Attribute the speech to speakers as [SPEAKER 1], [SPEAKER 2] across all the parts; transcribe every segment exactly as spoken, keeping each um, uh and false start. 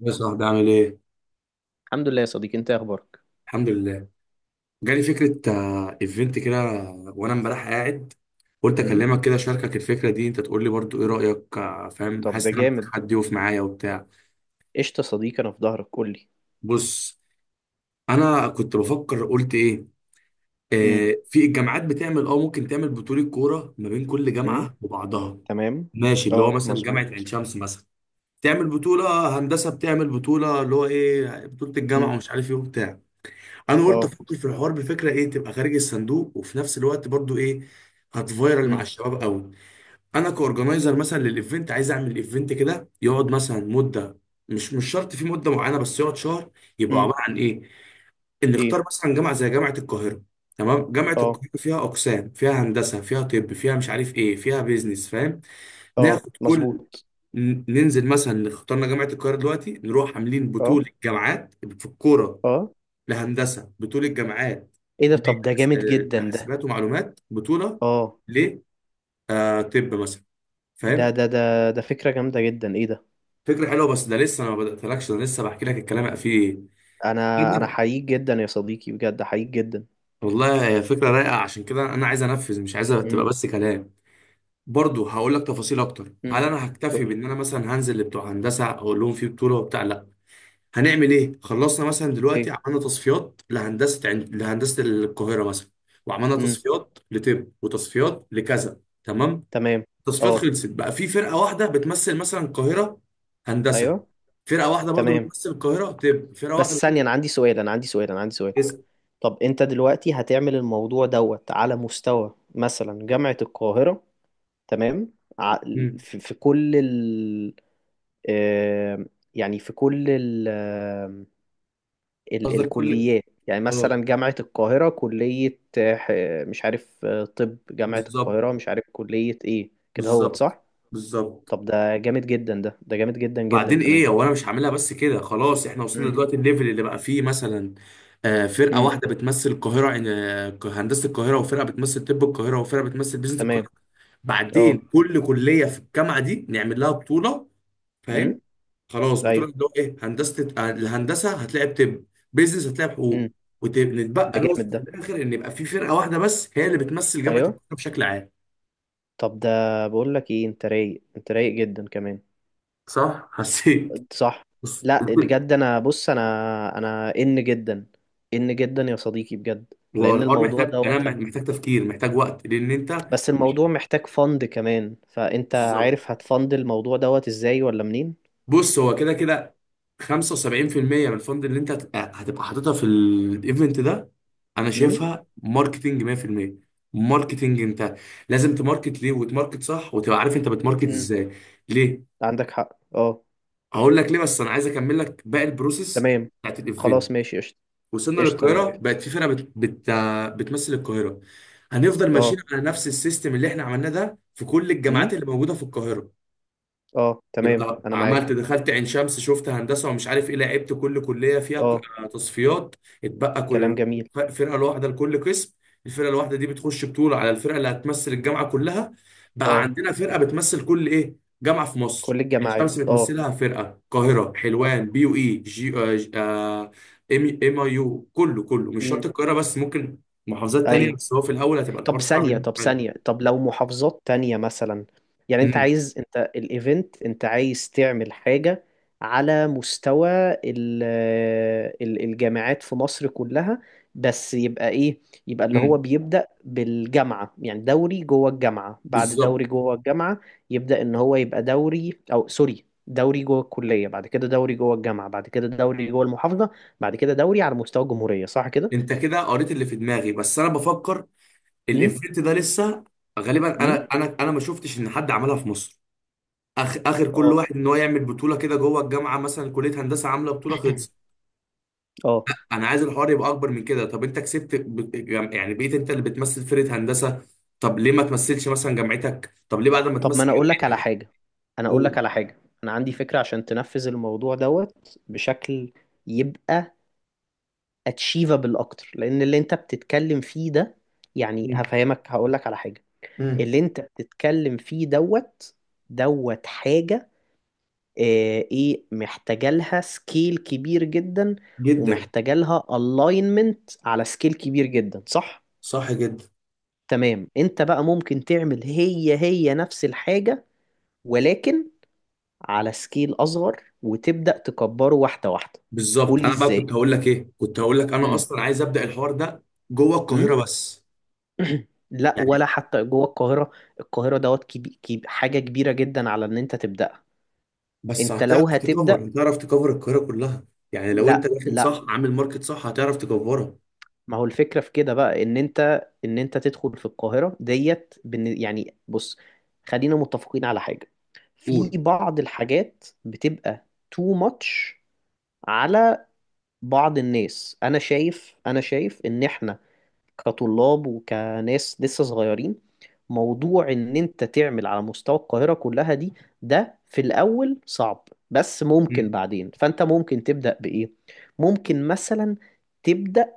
[SPEAKER 1] يا صاحبي عامل ايه؟
[SPEAKER 2] الحمد لله يا صديقي، انت ايه اخبارك؟
[SPEAKER 1] الحمد لله. جالي فكرة آه، ايفنت كده. وانا امبارح قاعد قلت
[SPEAKER 2] امم.
[SPEAKER 1] اكلمك كده اشاركك الفكرة دي، انت تقول لي برضو ايه رأيك. آه، فاهم،
[SPEAKER 2] طب ده
[SPEAKER 1] حاسس ان انا محتاج
[SPEAKER 2] جامد ده.
[SPEAKER 1] حد يقف معايا وبتاع.
[SPEAKER 2] قشطه يا صديقي، انا في ظهرك، قول لي.
[SPEAKER 1] بص، انا كنت بفكر قلت ايه.
[SPEAKER 2] امم.
[SPEAKER 1] آه في الجامعات بتعمل، اه ممكن تعمل بطولة كورة ما بين كل
[SPEAKER 2] امم.
[SPEAKER 1] جامعة وبعضها.
[SPEAKER 2] تمام.
[SPEAKER 1] ماشي، اللي هو
[SPEAKER 2] اه
[SPEAKER 1] مثلا جامعة
[SPEAKER 2] مظبوط.
[SPEAKER 1] عين شمس مثلا تعمل بطولة آه، هندسة، بتعمل بطولة اللي هو ايه، بطولة
[SPEAKER 2] امم.
[SPEAKER 1] الجامعة ومش عارف ايه وبتاع. انا قلت
[SPEAKER 2] اه.
[SPEAKER 1] افكر في الحوار بفكره ايه، تبقى خارج الصندوق وفي نفس الوقت برضو ايه، هتفايرل مع
[SPEAKER 2] امم.
[SPEAKER 1] الشباب قوي. انا كاورجنايزر مثلا للايفنت، عايز اعمل ايفنت كده يقعد مثلا مده، مش مش شرط في مده معينه، بس يقعد شهر. يبقى
[SPEAKER 2] امم.
[SPEAKER 1] عباره عن ايه؟ ان نختار
[SPEAKER 2] ايه.
[SPEAKER 1] مثلا جامعه زي جامعه القاهره. تمام، جامعه
[SPEAKER 2] اه.
[SPEAKER 1] القاهره فيها اقسام، فيها هندسه، فيها طب، فيها مش عارف ايه، فيها بيزنس. فاهم؟
[SPEAKER 2] اه
[SPEAKER 1] ناخد كل
[SPEAKER 2] مظبوط.
[SPEAKER 1] ن- ننزل مثلا اخترنا جامعه القاهره دلوقتي، نروح عاملين
[SPEAKER 2] اه.
[SPEAKER 1] بطوله جامعات في الكوره،
[SPEAKER 2] اه.
[SPEAKER 1] لهندسه بطوله جامعات،
[SPEAKER 2] ايه ده؟ طب ده
[SPEAKER 1] لحس-
[SPEAKER 2] جامد
[SPEAKER 1] آه،
[SPEAKER 2] جدا ده.
[SPEAKER 1] لحاسبات ومعلومات بطوله،
[SPEAKER 2] اه.
[SPEAKER 1] ل آه، طب مثلا.
[SPEAKER 2] ده
[SPEAKER 1] فاهم؟
[SPEAKER 2] ده ده ده فكره جامده جدا، ايه ده؟
[SPEAKER 1] فكره حلوه بس ده لسه، انا ما بداتلكش، انا لسه بحكي لك الكلام بقى فيه إيه.
[SPEAKER 2] انا انا
[SPEAKER 1] كده.
[SPEAKER 2] حقيق جدا يا صديقي، بجد حقيق جدا.
[SPEAKER 1] والله هي فكره رايقه، عشان كده انا عايز انفذ، مش عايزها تبقى
[SPEAKER 2] امم.
[SPEAKER 1] بس كلام. برضه هقول لك تفاصيل اكتر. هل
[SPEAKER 2] امم.
[SPEAKER 1] انا
[SPEAKER 2] قول
[SPEAKER 1] هكتفي
[SPEAKER 2] لي.
[SPEAKER 1] بان انا مثلا هنزل لبتوع هندسه اقول لهم في بطوله وبتاع؟ لا. هنعمل ايه؟ خلصنا مثلا دلوقتي
[SPEAKER 2] ايه.
[SPEAKER 1] عملنا تصفيات لهندسه عند... لهندسه القاهره مثلا، وعملنا
[SPEAKER 2] امم.
[SPEAKER 1] تصفيات لطب وتصفيات لكذا. تمام.
[SPEAKER 2] تمام.
[SPEAKER 1] التصفيات
[SPEAKER 2] اه.
[SPEAKER 1] خلصت بقى، في فرقه واحده بتمثل مثلا القاهره هندسه،
[SPEAKER 2] ايوه.
[SPEAKER 1] فرقه واحده برضو
[SPEAKER 2] تمام.
[SPEAKER 1] بتمثل القاهره طب، فرقه واحده
[SPEAKER 2] بس
[SPEAKER 1] بتمثل
[SPEAKER 2] ثانيه، انا عندي سؤال، انا عندي سؤال، انا عندي سؤال.
[SPEAKER 1] اسم.
[SPEAKER 2] طب انت دلوقتي هتعمل الموضوع دوت على مستوى مثلا جامعة القاهرة؟ تمام. ع-
[SPEAKER 1] مم.
[SPEAKER 2] في في كل ال آه، يعني في كل ال آه، ال-
[SPEAKER 1] قصدك كل.
[SPEAKER 2] الكليات. يعني
[SPEAKER 1] اه،
[SPEAKER 2] مثلا جامعة القاهرة كلية آه، ح- مش عارف، آه، طب جامعة
[SPEAKER 1] بالظبط،
[SPEAKER 2] القاهرة مش عارف كلية ايه كده، هوت
[SPEAKER 1] بالظبط،
[SPEAKER 2] صح؟
[SPEAKER 1] بالظبط.
[SPEAKER 2] طب ده جامد جدا ده، ده جامد جدا جدا
[SPEAKER 1] وبعدين
[SPEAKER 2] كمان.
[SPEAKER 1] ايه، هو انا مش هعملها بس كده خلاص، احنا وصلنا
[SPEAKER 2] امم.
[SPEAKER 1] دلوقتي الليفل اللي بقى فيه مثلا آه، فرقه
[SPEAKER 2] امم.
[SPEAKER 1] واحده بتمثل القاهره، آه، هندسه القاهره، وفرقه بتمثل طب القاهره، وفرقه بتمثل بيزنس
[SPEAKER 2] تمام.
[SPEAKER 1] القاهره. بعدين
[SPEAKER 2] اه.
[SPEAKER 1] كل كليه في الجامعه دي نعمل لها بطوله.
[SPEAKER 2] امم.
[SPEAKER 1] فاهم؟ خلاص، بتقول
[SPEAKER 2] ايوه.
[SPEAKER 1] اللي هو ايه، هندسه الهندسه هتلاقي بطب، بيزنس هتلاقي
[SPEAKER 2] امم.
[SPEAKER 1] بحقوق،
[SPEAKER 2] ده
[SPEAKER 1] ونتبقى
[SPEAKER 2] جامد
[SPEAKER 1] نوصل في
[SPEAKER 2] ده.
[SPEAKER 1] الاخر ان يبقى في فرقه واحده بس هي اللي بتمثل جامعه
[SPEAKER 2] ايوه.
[SPEAKER 1] القاهره بشكل عام.
[SPEAKER 2] طب ده، بقول لك ايه، انت رايق، انت رايق جدا كمان.
[SPEAKER 1] صح؟ حسيت؟
[SPEAKER 2] صح.
[SPEAKER 1] بس
[SPEAKER 2] لا بجد، انا بص انا، انا ان جدا، ان جدا يا صديقي بجد،
[SPEAKER 1] هو
[SPEAKER 2] لان
[SPEAKER 1] الحوار
[SPEAKER 2] الموضوع
[SPEAKER 1] محتاج، انا
[SPEAKER 2] دوت
[SPEAKER 1] محتاج تفكير، محتاج وقت لان انت.
[SPEAKER 2] بس الموضوع محتاج فند كمان، فانت
[SPEAKER 1] بالظبط.
[SPEAKER 2] عارف هتفند الموضوع دوت ازاي ولا منين؟
[SPEAKER 1] بص، هو كده كده خمسه وسبعين في المية من الفند اللي انت هت- هتبقى حاططها في الايفنت ده، انا
[SPEAKER 2] امم.
[SPEAKER 1] شايفها ماركتنج مية في المية. ماركتنج، انت لازم تماركت ليه وتماركت صح وتبقى عارف انت بتماركت
[SPEAKER 2] امم.
[SPEAKER 1] ازاي ليه.
[SPEAKER 2] عندك حق، اه.
[SPEAKER 1] هقول لك ليه بس انا عايز اكمل لك باقي البروسيس
[SPEAKER 2] تمام.
[SPEAKER 1] بتاعت
[SPEAKER 2] خلاص
[SPEAKER 1] الايفنت.
[SPEAKER 2] ماشي قشطه.
[SPEAKER 1] وصلنا
[SPEAKER 2] قشطه انا
[SPEAKER 1] للقاهره،
[SPEAKER 2] موافق.
[SPEAKER 1] بقت في فرقه بت... بت... بتمثل القاهره. هنفضل ماشيين
[SPEAKER 2] اه.
[SPEAKER 1] على نفس السيستم اللي احنا عملناه ده في كل الجامعات
[SPEAKER 2] امم.
[SPEAKER 1] اللي موجوده في القاهره.
[SPEAKER 2] اه تمام،
[SPEAKER 1] يبقى
[SPEAKER 2] انا معاك.
[SPEAKER 1] عملت دخلت عين شمس، شفت هندسه ومش عارف ايه، لعبت كل كليه فيها ك-
[SPEAKER 2] اه.
[SPEAKER 1] آه، تصفيات. اتبقى
[SPEAKER 2] كلام
[SPEAKER 1] كل
[SPEAKER 2] جميل.
[SPEAKER 1] ف- فرقه لوحده لكل قسم. الفرقه الواحده دي بتخش بطوله على الفرقه اللي هتمثل الجامعه كلها. بقى
[SPEAKER 2] اه،
[SPEAKER 1] عندنا فرقه بتمثل كل ايه، جامعه في مصر.
[SPEAKER 2] كل
[SPEAKER 1] عين
[SPEAKER 2] الجماعات،
[SPEAKER 1] شمس
[SPEAKER 2] اه.
[SPEAKER 1] بتمثلها فرقه، القاهره، حلوان،
[SPEAKER 2] آه.
[SPEAKER 1] بي يو اي جي، آه، ج- آه، ام ام اي يو، كله كله مش شرط
[SPEAKER 2] امم.
[SPEAKER 1] القاهره بس، ممكن محافظات تانية،
[SPEAKER 2] ايوه.
[SPEAKER 1] بس هو في الاول هتبقى الحوار
[SPEAKER 2] طب
[SPEAKER 1] صعب إن
[SPEAKER 2] ثانية،
[SPEAKER 1] إنت
[SPEAKER 2] طب ثانية،
[SPEAKER 1] تعملها.
[SPEAKER 2] طب لو محافظات تانية مثلا، يعني انت
[SPEAKER 1] امم.
[SPEAKER 2] عايز، انت الايفنت انت عايز تعمل حاجة على مستوى ال- ال- الجامعات في مصر كلها، بس يبقى ايه؟ يبقى اللي هو
[SPEAKER 1] امم.
[SPEAKER 2] بيبدأ بالجامعة، يعني دوري جوه الجامعة بعد دوري
[SPEAKER 1] بالظبط،
[SPEAKER 2] جوه الجامعة، يبدأ ان هو يبقى دوري، او سوري، دوري جوه الكلية، بعد كده دوري جوه الجامعة، بعد كده دوري جوه المحافظة، بعد كده دوري على مستوى الجمهورية، صح كده؟
[SPEAKER 1] انت كده قريت اللي في دماغي بس انا بفكر،
[SPEAKER 2] امم.
[SPEAKER 1] الافكت ده لسه. غالبا
[SPEAKER 2] امم.
[SPEAKER 1] انا انا انا ما شفتش ان حد عملها في مصر. آخ اخر كل
[SPEAKER 2] اه.
[SPEAKER 1] واحد ان هو يعمل بطوله كده جوه الجامعه، مثلا كليه هندسه عامله بطوله خلص.
[SPEAKER 2] اه.
[SPEAKER 1] انا عايز الحوار يبقى اكبر من كده. طب انت كسبت ب... يعني يعني بقيت انت اللي بتمثل فرقه هندسه، طب ليه ما تمثلش مثلا جامعتك، طب ليه بعد ما
[SPEAKER 2] طب ما
[SPEAKER 1] تمثل
[SPEAKER 2] انا اقول لك على
[SPEAKER 1] جامعتك.
[SPEAKER 2] حاجة، انا اقول
[SPEAKER 1] قول.
[SPEAKER 2] لك على حاجة، انا عندي فكرة عشان تنفذ الموضوع دوت بشكل يبقى اتشيفابل اكتر، لان اللي انت بتتكلم فيه ده، يعني
[SPEAKER 1] مم.
[SPEAKER 2] هفهمك هقول لك على حاجة.
[SPEAKER 1] مم.
[SPEAKER 2] اللي انت بتتكلم فيه دوت، دوت حاجة آه، ايه محتاجة لها سكيل كبير جدا،
[SPEAKER 1] جدا.
[SPEAKER 2] ومحتاجة لها الاينمنت على سكيل كبير جدا، صح؟
[SPEAKER 1] صح جدا.
[SPEAKER 2] تمام. انت بقى ممكن تعمل هي هي نفس الحاجة، ولكن على سكيل اصغر، وتبدا تكبره واحده واحده. قول
[SPEAKER 1] بالظبط،
[SPEAKER 2] لي
[SPEAKER 1] انا بقى
[SPEAKER 2] ازاي.
[SPEAKER 1] كنت هقول لك ايه، كنت هقول لك انا
[SPEAKER 2] امم.
[SPEAKER 1] اصلا عايز ابدا الحوار ده جوه
[SPEAKER 2] امم.
[SPEAKER 1] القاهره بس.
[SPEAKER 2] لا
[SPEAKER 1] يعني
[SPEAKER 2] ولا حتى جوه القاهره. القاهره دوت كبي... كبي... حاجه كبيره جدا على ان انت تبداها،
[SPEAKER 1] بس
[SPEAKER 2] انت لو
[SPEAKER 1] هتعرف
[SPEAKER 2] هتبدا.
[SPEAKER 1] تكفر هتعرف تكفر القاهرة كلها. يعني لو انت
[SPEAKER 2] لا
[SPEAKER 1] داخل
[SPEAKER 2] لا.
[SPEAKER 1] صح، عامل ماركت صح، هتعرف تكفرها.
[SPEAKER 2] ما هو الفكره في كده بقى ان انت، ان انت تدخل في القاهره ديت بن... يعني بص، خلينا متفقين على حاجه. في
[SPEAKER 1] قول.
[SPEAKER 2] بعض الحاجات بتبقى too much على بعض الناس. انا شايف، انا شايف ان احنا كطلاب وكناس لسه صغيرين، موضوع ان انت تعمل على مستوى القاهرة كلها دي، ده في الاول صعب، بس ممكن
[SPEAKER 1] مم.
[SPEAKER 2] بعدين. فانت ممكن تبدأ بايه؟ ممكن مثلا تبدأ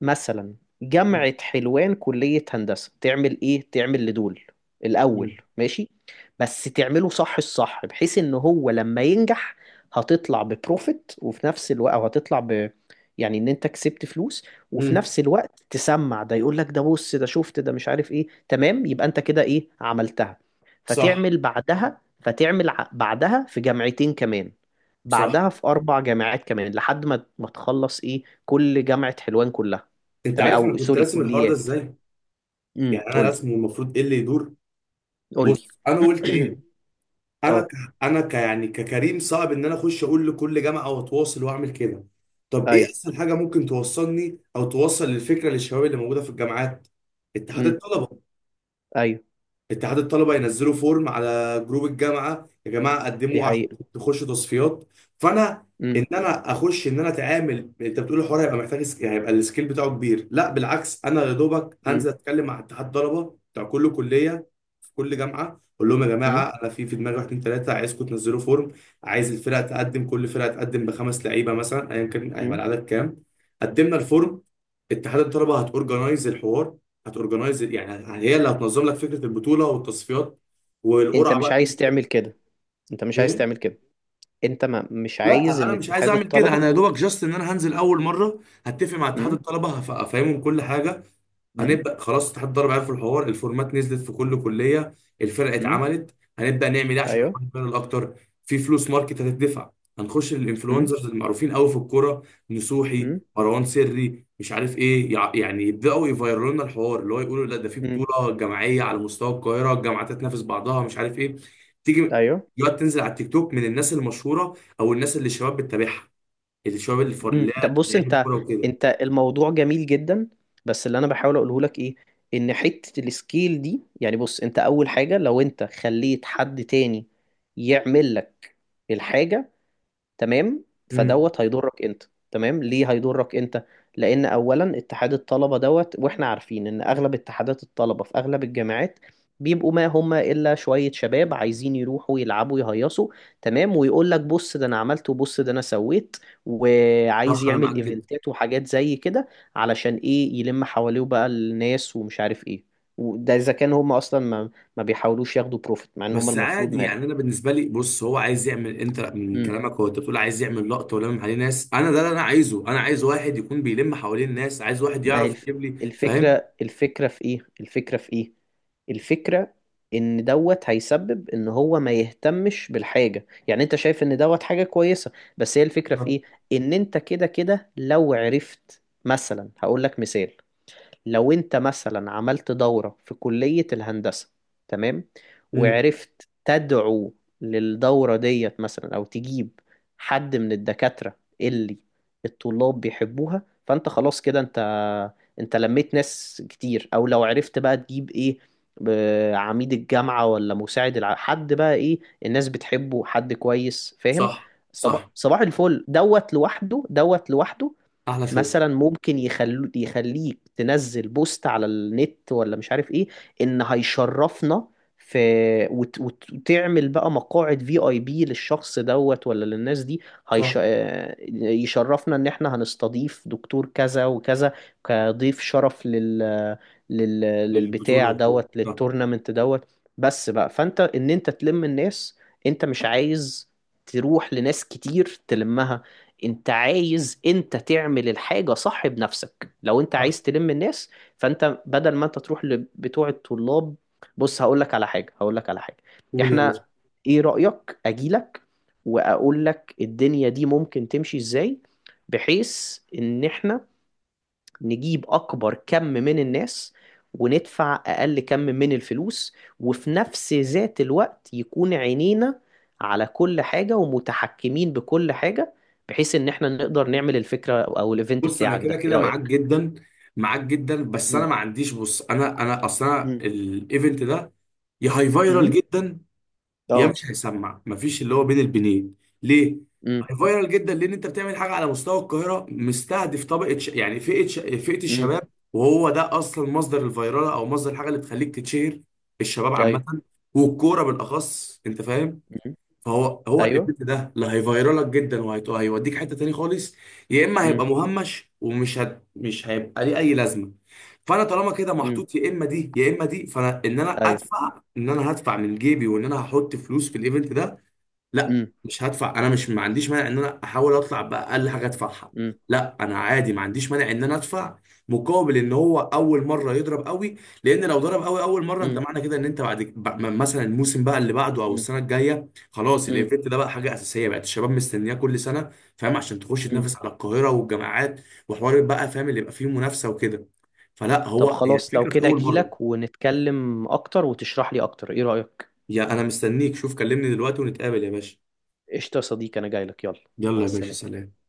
[SPEAKER 2] مثلا جامعة حلوان كلية هندسة، تعمل ايه، تعمل لدول الاول
[SPEAKER 1] مم.
[SPEAKER 2] ماشي، بس تعمله صح الصح، بحيث ان هو لما ينجح هتطلع ببروفيت، وفي نفس الوقت او هتطلع ب، يعني ان انت كسبت فلوس، وفي
[SPEAKER 1] مم.
[SPEAKER 2] نفس الوقت تسمع ده يقول لك ده بص، ده شفت ده مش عارف ايه، تمام، يبقى انت كده ايه عملتها.
[SPEAKER 1] صح.
[SPEAKER 2] فتعمل بعدها، فتعمل ع- بعدها في جامعتين كمان،
[SPEAKER 1] صح.
[SPEAKER 2] بعدها في اربع جامعات كمان، لحد ما ما تخلص ايه كل جامعة حلوان كلها،
[SPEAKER 1] انت
[SPEAKER 2] تمام،
[SPEAKER 1] عارف انا
[SPEAKER 2] او
[SPEAKER 1] كنت
[SPEAKER 2] سوري
[SPEAKER 1] راسم الحوار ده
[SPEAKER 2] كليات.
[SPEAKER 1] ازاي؟
[SPEAKER 2] امم
[SPEAKER 1] يعني انا
[SPEAKER 2] قول لي.
[SPEAKER 1] راسمه المفروض ايه اللي يدور.
[SPEAKER 2] قول لي.
[SPEAKER 1] بص انا قلت ايه. انا ك...
[SPEAKER 2] اه.
[SPEAKER 1] انا ك... يعني ككريم صعب ان انا اخش اقول لكل جامعة واتواصل واعمل كده. طب ايه
[SPEAKER 2] ايوه.
[SPEAKER 1] اسهل حاجة ممكن توصلني او توصل الفكرة للشباب اللي موجودة في الجامعات؟ اتحاد
[SPEAKER 2] امم.
[SPEAKER 1] الطلبة.
[SPEAKER 2] ايوه.
[SPEAKER 1] اتحاد الطلبه ينزلوا فورم على جروب الجامعه، يا جماعه
[SPEAKER 2] دي
[SPEAKER 1] قدموا عشان
[SPEAKER 2] حقيقة.
[SPEAKER 1] تخشوا تصفيات. فانا
[SPEAKER 2] امم.
[SPEAKER 1] ان انا اخش ان انا اتعامل، انت بتقول الحوار هيبقى محتاج سك- يعني هيبقى السكيل بتاعه كبير، لا بالعكس، انا يا دوبك هنزل
[SPEAKER 2] امم.
[SPEAKER 1] اتكلم مع اتحاد طلبه بتاع كل كليه في كل جامعه، اقول لهم يا
[SPEAKER 2] امم.
[SPEAKER 1] جماعه انا في في دماغي واحد اتنين تلاته، عايزكم تنزلوا فورم. عايز الفرق تقدم، كل فرقه تقدم بخمس لعيبه مثلا، ايا كان هيبقى
[SPEAKER 2] امم.
[SPEAKER 1] العدد كام. قدمنا الفورم، اتحاد الطلبه هتورجنايز الحوار. هتورجنايز يعني يعني هي اللي هتنظم لك فكره البطوله والتصفيات
[SPEAKER 2] انت
[SPEAKER 1] والقرعه
[SPEAKER 2] مش
[SPEAKER 1] بقى.
[SPEAKER 2] عايز تعمل كده، انت مش عايز
[SPEAKER 1] ايه؟
[SPEAKER 2] تعمل كده، انت ما مش عايز
[SPEAKER 1] لا
[SPEAKER 2] ان
[SPEAKER 1] انا مش عايز
[SPEAKER 2] اتحاد
[SPEAKER 1] اعمل كده.
[SPEAKER 2] الطلبة.
[SPEAKER 1] انا يا دوبك جاست ان انا هنزل اول مره هتفق مع اتحاد
[SPEAKER 2] امم.
[SPEAKER 1] الطلبه، هف- هفهمهم كل حاجه.
[SPEAKER 2] امم.
[SPEAKER 1] هنبدا خلاص، اتحاد الضرب عارف الحوار، الفورمات نزلت في كل كليه، الفرقه
[SPEAKER 2] امم.
[SPEAKER 1] اتعملت. هنبدا نعمل ايه عشان
[SPEAKER 2] ايوه.
[SPEAKER 1] نحقق الفرق اكتر؟ في فلوس ماركت هتدفع، هنخش
[SPEAKER 2] امم.
[SPEAKER 1] للانفلونسرز المعروفين قوي في الكوره، نصوحي،
[SPEAKER 2] امم.
[SPEAKER 1] مروان سري، مش عارف ايه، يع- يعني يبداوا يفيروا لنا الحوار، اللي هو يقولوا لا، ده في
[SPEAKER 2] امم.
[SPEAKER 1] بطوله جماعيه على مستوى القاهره، الجامعات تتنافس بعضها مش عارف ايه. تيجي
[SPEAKER 2] ايوه.
[SPEAKER 1] دلوقتي تنزل على التيك توك من الناس المشهوره، او الناس اللي الشباب بتتابعها، الشباب اللي الفر-
[SPEAKER 2] مم.
[SPEAKER 1] اللي
[SPEAKER 2] طب
[SPEAKER 1] هي
[SPEAKER 2] بص
[SPEAKER 1] لعيبه
[SPEAKER 2] انت،
[SPEAKER 1] الكوره وكده.
[SPEAKER 2] انت الموضوع جميل جدا، بس اللي انا بحاول اقوله لك ايه، ان حتة السكيل دي، يعني بص انت اول حاجة لو انت خليت حد تاني يعمل لك الحاجة، تمام،
[SPEAKER 1] امم.
[SPEAKER 2] فدوت هيضرك انت، تمام. ليه هيضرك انت؟ لان اولا اتحاد الطلبه دوت، واحنا عارفين ان اغلب اتحادات الطلبه في اغلب الجامعات بيبقوا ما هم الا شويه شباب عايزين يروحوا يلعبوا يهيصوا، تمام، ويقول لك بص ده انا عملت وبص ده انا سويت، وعايز
[SPEAKER 1] صح، انا معاك
[SPEAKER 2] يعمل
[SPEAKER 1] جدا.
[SPEAKER 2] ايفنتات وحاجات زي كده علشان ايه، يلم حواليه بقى الناس ومش عارف ايه. وده اذا كان هم اصلا ما, ما بيحاولوش ياخدوا بروفيت، مع ان هم
[SPEAKER 1] بس
[SPEAKER 2] المفروض
[SPEAKER 1] عادي
[SPEAKER 2] ما
[SPEAKER 1] يعني، انا بالنسبه لي بص هو عايز يعمل، انت من
[SPEAKER 2] ياخدوا.
[SPEAKER 1] كلامك هو انت بتقول عايز يعمل لقطه ولمم عليه ناس. انا ده اللي انا عايزه، انا عايز واحد يكون بيلم حوالين الناس، عايز واحد
[SPEAKER 2] ما هي
[SPEAKER 1] يعرف
[SPEAKER 2] الف...
[SPEAKER 1] يجيب لي. فاهم؟
[SPEAKER 2] الفكرة، الفكرة في ايه، الفكرة في ايه، الفكرة ان دوت هيسبب ان هو ما يهتمش بالحاجة. يعني انت شايف ان دوت حاجة كويسة، بس هي الفكرة في
[SPEAKER 1] صح.
[SPEAKER 2] ايه؟ ان انت كده كده لو عرفت. مثلا هقول لك مثال، لو انت مثلا عملت دورة في كلية الهندسة، تمام،
[SPEAKER 1] امم.
[SPEAKER 2] وعرفت تدعو للدورة ديت مثلا، او تجيب حد من الدكاترة اللي الطلاب بيحبوها، فانت خلاص كده انت، انت لميت ناس كتير. او لو عرفت بقى تجيب ايه، ب- عميد الجامعة ولا مساعد الع... حد بقى ايه، الناس بتحبه، حد كويس، فاهم؟
[SPEAKER 1] صح.
[SPEAKER 2] صباح
[SPEAKER 1] صح.
[SPEAKER 2] صباح الفل، دوت لوحده، دوت لوحده.
[SPEAKER 1] احلى شغل.
[SPEAKER 2] مثلا ممكن يخلو يخليك تنزل بوست على النت ولا مش عارف ايه، ان هيشرفنا في، وت... وت... وتعمل بقى مقاعد في اي بي للشخص دوت ولا للناس دي. هيش...
[SPEAKER 1] صح.
[SPEAKER 2] آه، يشرفنا ان احنا هنستضيف دكتور كذا وكذا كضيف شرف لل... لل...
[SPEAKER 1] للبطوله
[SPEAKER 2] للبتاع
[SPEAKER 1] وكده
[SPEAKER 2] دوت،
[SPEAKER 1] صح.
[SPEAKER 2] للتورنمنت دوت، بس بقى. فانت ان انت تلم الناس، انت مش عايز تروح لناس كتير تلمها، انت عايز انت تعمل الحاجة صح بنفسك لو انت
[SPEAKER 1] صح.
[SPEAKER 2] عايز تلم الناس. فانت بدل ما انت تروح لبتوع الطلاب، بص هقول لك على حاجة، هقول لك على حاجة،
[SPEAKER 1] قول يا
[SPEAKER 2] احنا،
[SPEAKER 1] باشا.
[SPEAKER 2] ايه رأيك اجيلك واقول لك الدنيا دي ممكن تمشي ازاي، بحيث ان احنا نجيب أكبر كم من الناس وندفع أقل كم من الفلوس، وفي نفس ذات الوقت يكون عينينا على كل حاجة ومتحكمين بكل حاجة، بحيث إن إحنا نقدر نعمل الفكرة أو الإيفنت
[SPEAKER 1] بص انا
[SPEAKER 2] بتاعك
[SPEAKER 1] كده
[SPEAKER 2] ده. إيه
[SPEAKER 1] كده معاك
[SPEAKER 2] رأيك؟
[SPEAKER 1] جدا، معاك جدا بس انا
[SPEAKER 2] مم.
[SPEAKER 1] ما عنديش. بص، انا انا اصلا
[SPEAKER 2] مم.
[SPEAKER 1] الايفنت ده يا هاي فايرال
[SPEAKER 2] مم.
[SPEAKER 1] جدا، يا
[SPEAKER 2] اه.
[SPEAKER 1] مش هيسمع، مفيش اللي هو بين البنين. ليه؟
[SPEAKER 2] مم.
[SPEAKER 1] فايرال جدا لان انت بتعمل حاجه على مستوى القاهره، مستهدف طبقه ش... يعني فئه ش... فئه
[SPEAKER 2] مم.
[SPEAKER 1] الشباب، وهو ده اصلا مصدر الفيراله او مصدر الحاجه اللي بتخليك تتشهر، الشباب
[SPEAKER 2] ايوه.
[SPEAKER 1] عامه والكوره بالاخص. انت فاهم؟
[SPEAKER 2] مم.
[SPEAKER 1] فهو هو
[SPEAKER 2] ايوه.
[SPEAKER 1] الايفنت ده لا هيفيرالك جدا وهيوديك حته تاني خالص، يا اما
[SPEAKER 2] مم.
[SPEAKER 1] هيبقى مهمش ومش هت... مش هيبقى ليه اي لازمه. فانا طالما كده
[SPEAKER 2] مم.
[SPEAKER 1] محطوط يا اما دي يا اما دي، فانا ان انا
[SPEAKER 2] ايوه.
[SPEAKER 1] ادفع، ان انا هدفع من جيبي وان انا هحط فلوس في الايفنت ده. لا
[SPEAKER 2] مم.
[SPEAKER 1] مش هدفع. انا مش، ما عنديش مانع ان انا احاول اطلع باقل حاجه ادفعها.
[SPEAKER 2] مم.
[SPEAKER 1] لا انا عادي ما عنديش مانع ان انا ادفع مقابل ان هو اول مره يضرب قوي. لان لو ضرب قوي اول مره، انت
[SPEAKER 2] مم.
[SPEAKER 1] معنى كده ان انت بعد ب- م- مثلا الموسم بقى اللي بعده او
[SPEAKER 2] مم.
[SPEAKER 1] السنه الجايه، خلاص
[SPEAKER 2] مم.
[SPEAKER 1] الايفنت ده بقى حاجه اساسيه بقت الشباب مستنياه كل سنه. فاهم؟ عشان تخش
[SPEAKER 2] مم.
[SPEAKER 1] تنافس على القاهره والجامعات وحوار بقى، فاهم، اللي يبقى فيه منافسه وكده. فلا،
[SPEAKER 2] طب
[SPEAKER 1] هو هي
[SPEAKER 2] خلاص لو
[SPEAKER 1] الفكره في
[SPEAKER 2] كده
[SPEAKER 1] اول
[SPEAKER 2] اجيلك
[SPEAKER 1] مره.
[SPEAKER 2] ونتكلم اكتر وتشرح لي اكتر، ايه رأيك؟
[SPEAKER 1] يا انا مستنيك، شوف كلمني دلوقتي ونتقابل يا باشا.
[SPEAKER 2] قشطة يا صديقي، أنا جاي لك، يلا.
[SPEAKER 1] يلا
[SPEAKER 2] مع
[SPEAKER 1] يا باشا،
[SPEAKER 2] السلامة.
[SPEAKER 1] سلام.